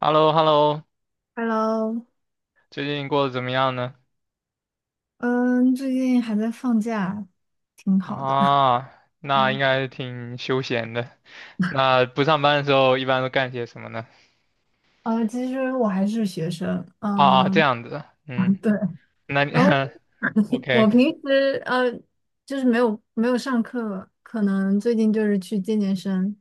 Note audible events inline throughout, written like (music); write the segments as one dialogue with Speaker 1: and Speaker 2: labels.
Speaker 1: h e l l o h e l l o。
Speaker 2: Hello，
Speaker 1: 最近过得怎么样呢？
Speaker 2: 嗯，最近还在放假，挺好的。(laughs)
Speaker 1: 啊，那应
Speaker 2: 嗯，
Speaker 1: 该挺休闲的。那不上班的时候一般都干些什么呢？
Speaker 2: 呃，其实我还是学生，
Speaker 1: 啊，这
Speaker 2: 嗯，
Speaker 1: 样子，嗯，
Speaker 2: (laughs) 对。
Speaker 1: 那你
Speaker 2: 然后
Speaker 1: (laughs)
Speaker 2: (laughs) 我
Speaker 1: OK
Speaker 2: 平时就是没有上课，可能最近就是去健健身。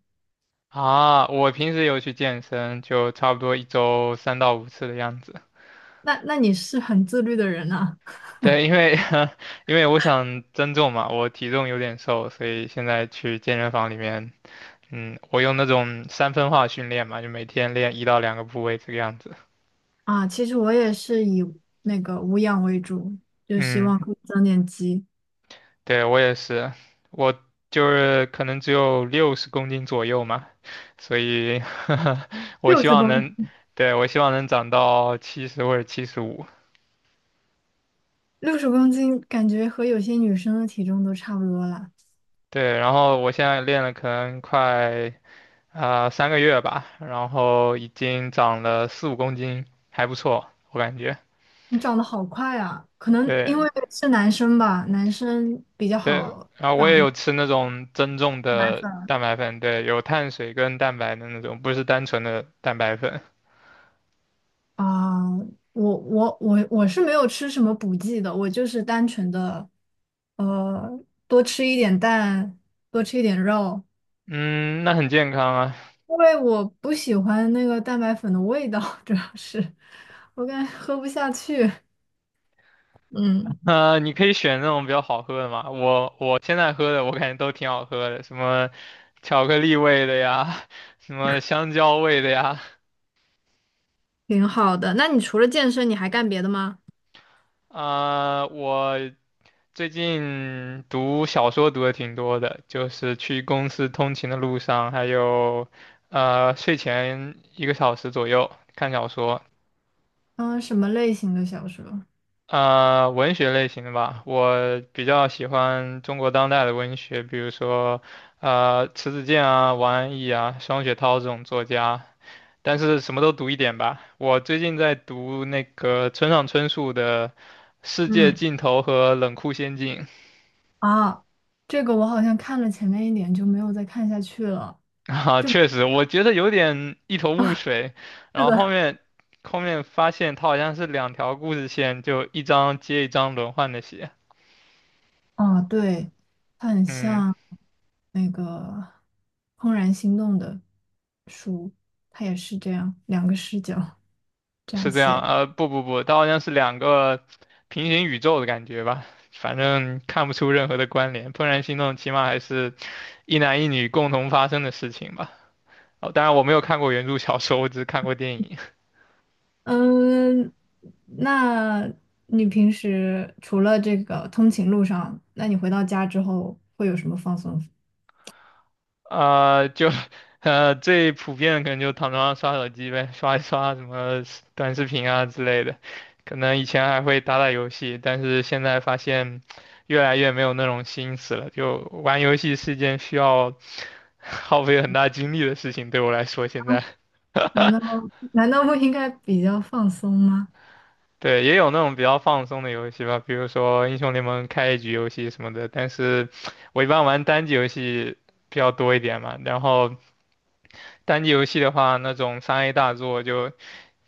Speaker 1: 啊？我平时有去健身，就差不多一周3到5次的样子。
Speaker 2: 那你是很自律的人啊？
Speaker 1: 对，因为 (laughs) 因为我想增重嘛，我体重有点瘦，所以现在去健身房里面，嗯，我用那种三分化训练嘛，就每天练一到两个部位这个样子。
Speaker 2: (laughs) 啊，其实我也是以那个无氧为主，就希
Speaker 1: 嗯。
Speaker 2: 望可以增点肌。
Speaker 1: 对，我也是，我就是可能只有60公斤左右嘛，所以 (laughs) 我
Speaker 2: 六
Speaker 1: 希
Speaker 2: 十
Speaker 1: 望
Speaker 2: 公
Speaker 1: 能，对，我希望能长到70或者75。
Speaker 2: 六十公斤，感觉和有些女生的体重都差不多了。
Speaker 1: 对，然后我现在练了可能快3个月吧，然后已经长了4、5公斤，还不错，我感觉。
Speaker 2: 你长得好快啊！可能因
Speaker 1: 对
Speaker 2: 为是男生吧，男生比较
Speaker 1: 对，
Speaker 2: 好
Speaker 1: 然后我
Speaker 2: 长
Speaker 1: 也
Speaker 2: 一
Speaker 1: 有吃那种增重
Speaker 2: 蛋白
Speaker 1: 的
Speaker 2: 粉
Speaker 1: 蛋白粉，对，有碳水跟蛋白的那种，不是单纯的蛋白粉。
Speaker 2: 啊。我是没有吃什么补剂的，我就是单纯的，呃，多吃一点蛋，多吃一点肉，
Speaker 1: 嗯，那很健康啊。
Speaker 2: 因为我不喜欢那个蛋白粉的味道，(laughs) 主要是我感觉喝不下去。嗯，
Speaker 1: 你可以选那种比较好喝的嘛。我现在喝的，我感觉都挺好喝的，什么巧克力味的呀，(laughs) 什么香蕉味的呀。
Speaker 2: 挺好的。那你除了健身，你还干别的吗？
Speaker 1: 我最近读小说读的挺多的，就是去公司通勤的路上，还有睡前1个小时左右看小说。
Speaker 2: 嗯、什么类型的小说？
Speaker 1: 文学类型的吧，我比较喜欢中国当代的文学，比如说，迟子建啊、王安忆啊、双雪涛这种作家，但是什么都读一点吧。我最近在读那个村上春树的《世界
Speaker 2: 嗯。
Speaker 1: 尽头和冷酷仙境》。
Speaker 2: 啊，这个我好像看了前面一点就没有再看下去了
Speaker 1: (laughs) 啊，确实，我觉得有点一头雾水，
Speaker 2: (laughs)。
Speaker 1: 然
Speaker 2: 是
Speaker 1: 后后
Speaker 2: 的，
Speaker 1: 面后面发现他好像是两条故事线，就一章接一章轮换的写，
Speaker 2: (laughs) 啊，对，它很
Speaker 1: 嗯。
Speaker 2: 像那个《怦然心动》的书，它也是这样，两个视角这样
Speaker 1: 是这样，
Speaker 2: 写。
Speaker 1: 呃，不不不，它好像是两个平行宇宙的感觉吧，反正看不出任何的关联。怦然心动起码还是一男一女共同发生的事情吧。哦，当然我没有看过原著小说，我只是看过电影。
Speaker 2: 嗯，那你平时除了这个通勤路上，那你回到家之后会有什么放松？
Speaker 1: 就最普遍的可能就躺床上刷手机呗，刷一刷什么短视频啊之类的。可能以前还会打打游戏，但是现在发现越来越没有那种心思了，就玩游戏是一件需要。(laughs) 耗费很大精力的事情，对我来说现在。
Speaker 2: 难道难道不应该比较放松吗？
Speaker 1: 对，也有那种比较放松的游戏吧，比如说英雄联盟开一局游戏什么的。但是我一般玩单机游戏比较多一点嘛。然后单机游戏的话，那种3A 大作就，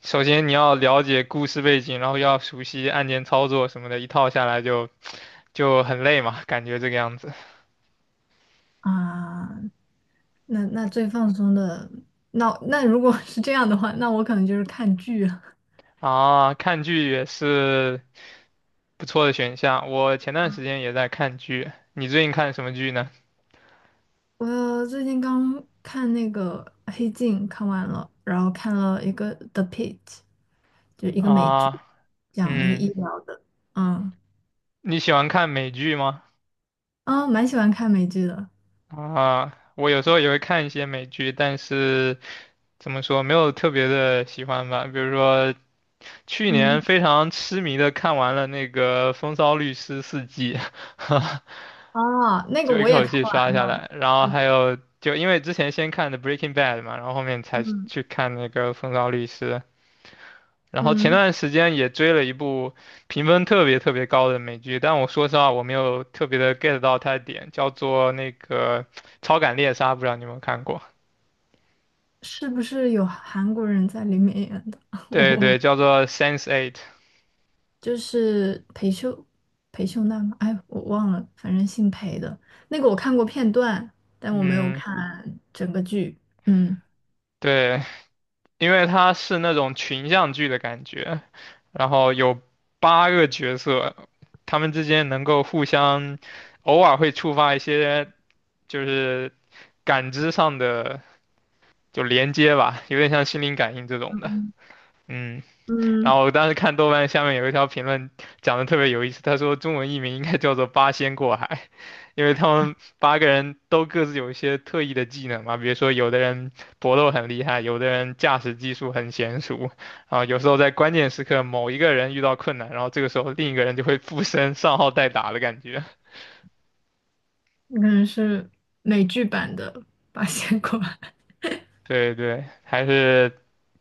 Speaker 1: 首先你要了解故事背景，然后要熟悉按键操作什么的，一套下来就很累嘛，感觉这个样子。
Speaker 2: 啊，那最放松的，那如果 (laughs) 是这样的话，那我可能就是看剧了。
Speaker 1: 啊，看剧也是不错的选项，我前段时间也在看剧。你最近看什么剧呢？
Speaker 2: 我最近刚看那个《呃黑镜》，看完了，然后看了一个《The p i t 就是一个美剧，
Speaker 1: 啊。
Speaker 2: 讲那个医
Speaker 1: 嗯，
Speaker 2: 疗的。嗯，
Speaker 1: 你喜欢看美剧吗？
Speaker 2: 啊，蛮喜欢看美剧的。
Speaker 1: 啊，我有时候也会看一些美剧，但是怎么说，没有特别的喜欢吧。比如说，去
Speaker 2: 嗯，
Speaker 1: 年非常痴迷的看完了那个《风骚律师》4季，(laughs)
Speaker 2: 啊，那个
Speaker 1: 就一
Speaker 2: 我也
Speaker 1: 口
Speaker 2: 看
Speaker 1: 气刷
Speaker 2: 完
Speaker 1: 下
Speaker 2: 了。
Speaker 1: 来。然后还
Speaker 2: 嗯
Speaker 1: 有，就因为之前先看的《Breaking Bad》嘛，然后后面才
Speaker 2: 嗯
Speaker 1: 去看那个《风骚律师》。然后前
Speaker 2: 嗯，
Speaker 1: 段时间也追了一部评分特别特别高的美剧，但我说实话我没有特别的 get 到它的点，叫做那个《超感猎杀》，不知道你有没有看过？
Speaker 2: 是不是有韩国人在里面演的？(laughs) 我
Speaker 1: 对对，
Speaker 2: 我
Speaker 1: 叫做《Sense Eight》。
Speaker 2: 就是裴秀娜吗？哎，我忘了，反正姓裴的那个我看过片段，但我没有
Speaker 1: 嗯，
Speaker 2: 看整个剧。嗯
Speaker 1: 对，因为它是那种群像剧的感觉，然后有八个角色，他们之间能够互相，偶尔会触发一些就是感知上的就连接吧，有点像心灵感应这种的。嗯。
Speaker 2: 嗯，
Speaker 1: 然后我当时看豆瓣下面有一条评论讲的特别有意思，他说中文译名应该叫做"八仙过海"，因为他们8个人都各自有一些特异的技能嘛，比如说有的人搏斗很厉害，有的人驾驶技术很娴熟，啊，有时候在关键时刻某一个人遇到困难，然后这个时候另一个人就会附身上号代打的感觉。
Speaker 2: 可能是美剧版的《八仙过海》。
Speaker 1: (laughs) 对对，还是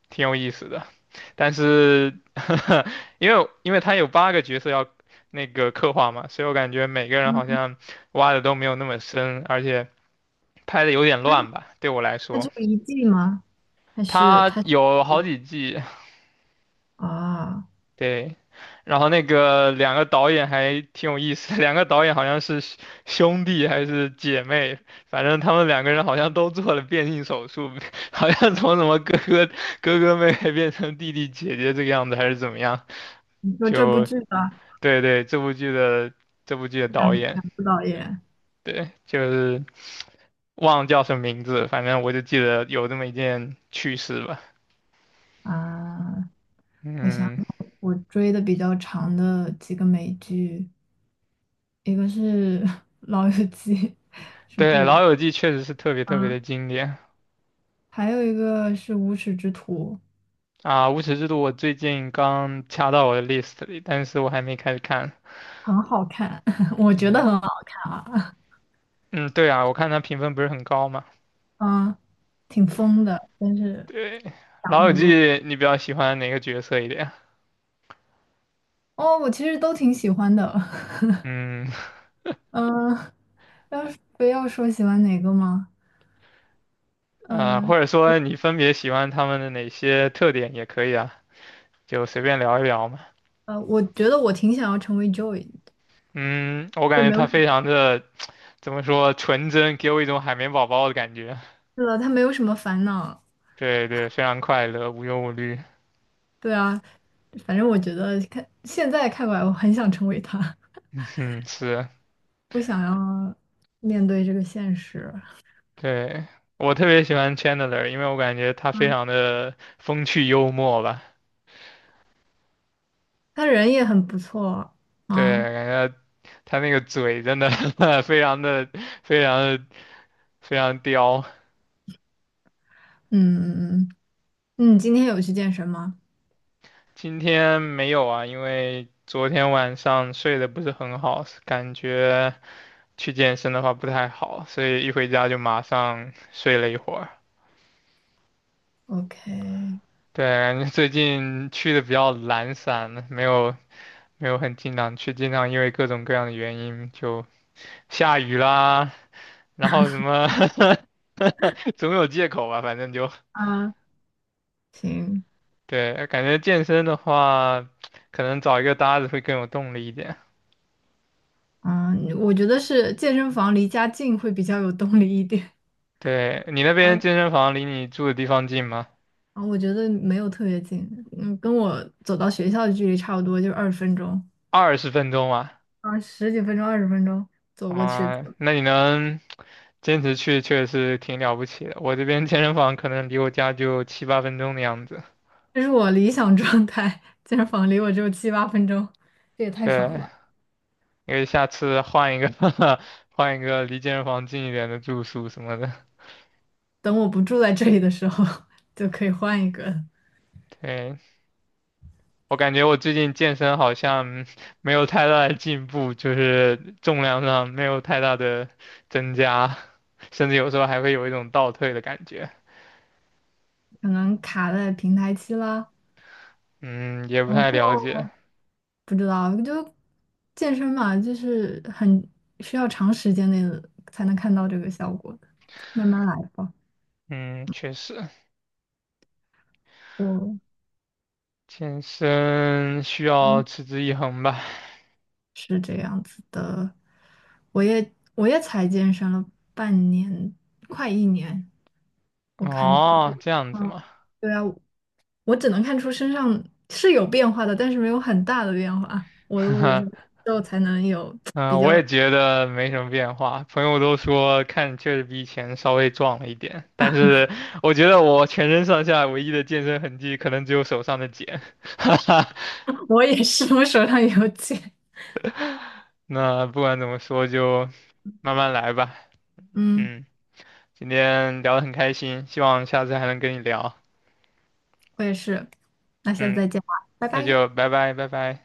Speaker 1: 挺有意思的。但是 (laughs) 因为他有8个角色要那个刻画嘛，所以我感觉每个人
Speaker 2: 嗯，
Speaker 1: 好像
Speaker 2: (laughs)
Speaker 1: 挖的都没有那么深，而且拍的有点
Speaker 2: 它
Speaker 1: 乱吧，对我来
Speaker 2: 它只
Speaker 1: 说，
Speaker 2: 有一季吗？还是
Speaker 1: 他
Speaker 2: 它
Speaker 1: 有好几季，
Speaker 2: 啊？
Speaker 1: 对，然后那个两个导演还挺有意思的，两个导演好像是兄弟还是姐妹，反正他们2个人好像都做了变性手术，(laughs) 好像从什么哥哥妹妹变成弟弟姐姐这个样子，还是怎么样，
Speaker 2: 你说这部
Speaker 1: 就
Speaker 2: 剧的
Speaker 1: 对对，这部剧的导
Speaker 2: 两
Speaker 1: 演，
Speaker 2: 两部导演
Speaker 1: 对，就是忘了叫什么名字，反正我就记得有这么一件趣事吧。
Speaker 2: 啊？我想
Speaker 1: 嗯，
Speaker 2: 想我追的比较长的几个美剧，一个是 (laughs)《老友记》。
Speaker 1: 对，
Speaker 2: 补
Speaker 1: 《老
Speaker 2: 的
Speaker 1: 友记》确实是特别特别
Speaker 2: 啊，
Speaker 1: 的经典
Speaker 2: 还有一个是《无耻之徒》，
Speaker 1: 啊，无耻之徒》我最近刚掐到我的 list 里，但是我还没开始看。
Speaker 2: 很好看，(laughs) 我觉得
Speaker 1: 嗯
Speaker 2: 很好看啊，
Speaker 1: 嗯，对啊，我看它评分不是很高嘛。
Speaker 2: 嗯，挺疯的，但是
Speaker 1: 对，
Speaker 2: 讲了
Speaker 1: 《老友
Speaker 2: 很
Speaker 1: 记》
Speaker 2: 多。
Speaker 1: 你比较喜欢哪个角色一点啊？
Speaker 2: 哦，我其实都挺喜欢的，
Speaker 1: 嗯
Speaker 2: (laughs) 嗯，要是非要说喜欢哪个吗？嗯
Speaker 1: 或者说你分别喜欢他们的哪些特点也可以啊，就随便聊一聊嘛。
Speaker 2: 我觉得我挺想要成为 Joy，
Speaker 1: 嗯，我感
Speaker 2: 对，
Speaker 1: 觉
Speaker 2: 没
Speaker 1: 他
Speaker 2: 有什么，
Speaker 1: 非常的怎么说纯真，给我一种海绵宝宝的感觉。
Speaker 2: 是的，他没有什么烦恼，
Speaker 1: 对对，非常快乐，无忧无虑。
Speaker 2: 对啊，反正我觉得看现在看过来，我很想成为他，
Speaker 1: (laughs) 嗯，是，
Speaker 2: (laughs) 不想要面对这个现实。
Speaker 1: 对，我特别喜欢 Chandler，因为我感觉他非常
Speaker 2: 啊
Speaker 1: 的风趣幽默吧。
Speaker 2: 他人也很不错
Speaker 1: 对，
Speaker 2: 啊。
Speaker 1: 感觉他那个嘴真的 (laughs) 非常的非常的非常刁。
Speaker 2: 嗯嗯嗯，你今天有去健身吗
Speaker 1: 今天没有啊，因为昨天晚上睡得不是很好，感觉去健身的话不太好，所以一回家就马上睡了一会儿。
Speaker 2: ？OK，
Speaker 1: 对，感觉最近去的比较懒散，没有很经常去，经常因为各种各样的原因就下雨啦，然后什么 (laughs) 总有借口吧，反正就
Speaker 2: 啊，行，
Speaker 1: 对，感觉健身的话，可能找一个搭子会更有动力一点。
Speaker 2: 啊，我觉得是健身房离家近会比较有动力一点
Speaker 1: 对，你那
Speaker 2: (laughs)。
Speaker 1: 边
Speaker 2: 然后
Speaker 1: 健身房离你住的地方近吗？
Speaker 2: 啊，我觉得没有特别近，嗯，跟我走到学校的距离差不多，就二十分钟，
Speaker 1: 20分钟啊，
Speaker 2: 啊，十几分钟、二十分钟走过去，
Speaker 1: 那你能坚持去确实挺了不起的。我这边健身房可能离我家就7、8分钟的样子。
Speaker 2: 这是我理想状态。健身房离我只有7、8分钟，这也太爽
Speaker 1: 对，
Speaker 2: 了吧！
Speaker 1: 因为下次换一个 (laughs) 换一个离健身房近一点的住宿什么的。
Speaker 2: 等我不住在这里的时候，(laughs) 就可以换一个。
Speaker 1: (laughs) 对，我感觉我最近健身好像 (laughs) 没有太大的进步，就是重量上没有太大的增加，甚至有时候还会有一种倒退的感觉。
Speaker 2: 可能卡在平台期了，
Speaker 1: 嗯，也不
Speaker 2: 嗯，
Speaker 1: 太了
Speaker 2: 过
Speaker 1: 解。
Speaker 2: 不知道。就健身嘛，就是很需要长时间内的才能看到这个效果的，慢慢来吧。
Speaker 1: 嗯，确实，
Speaker 2: 我
Speaker 1: 健身需要
Speaker 2: 嗯
Speaker 1: 持之以恒吧。
Speaker 2: 我也才健身了半年，快1年。我看
Speaker 1: 哦，这样
Speaker 2: (laughs)，
Speaker 1: 子
Speaker 2: 嗯
Speaker 1: 嘛。
Speaker 2: 对啊，我只能看出身上是有变化的，但是没有很大的变化。我
Speaker 1: (laughs)
Speaker 2: 之后才能有比
Speaker 1: 嗯，我
Speaker 2: 较，
Speaker 1: 也觉得没什么变化。朋友都说看确实比以前稍微壮了一点，但是我觉得我全身上下唯一的健身痕迹可能只有手上的茧。(laughs) 哈哈，
Speaker 2: (laughs) 我也是，我手上有茧。
Speaker 1: 那不管怎么说，就慢慢来吧。
Speaker 2: 嗯。
Speaker 1: 嗯，今天聊得很开心，希望下次还能跟你聊。
Speaker 2: 我也是。那下次
Speaker 1: 嗯，
Speaker 2: 再见吧，拜
Speaker 1: 那
Speaker 2: 拜。
Speaker 1: 就拜拜，拜拜。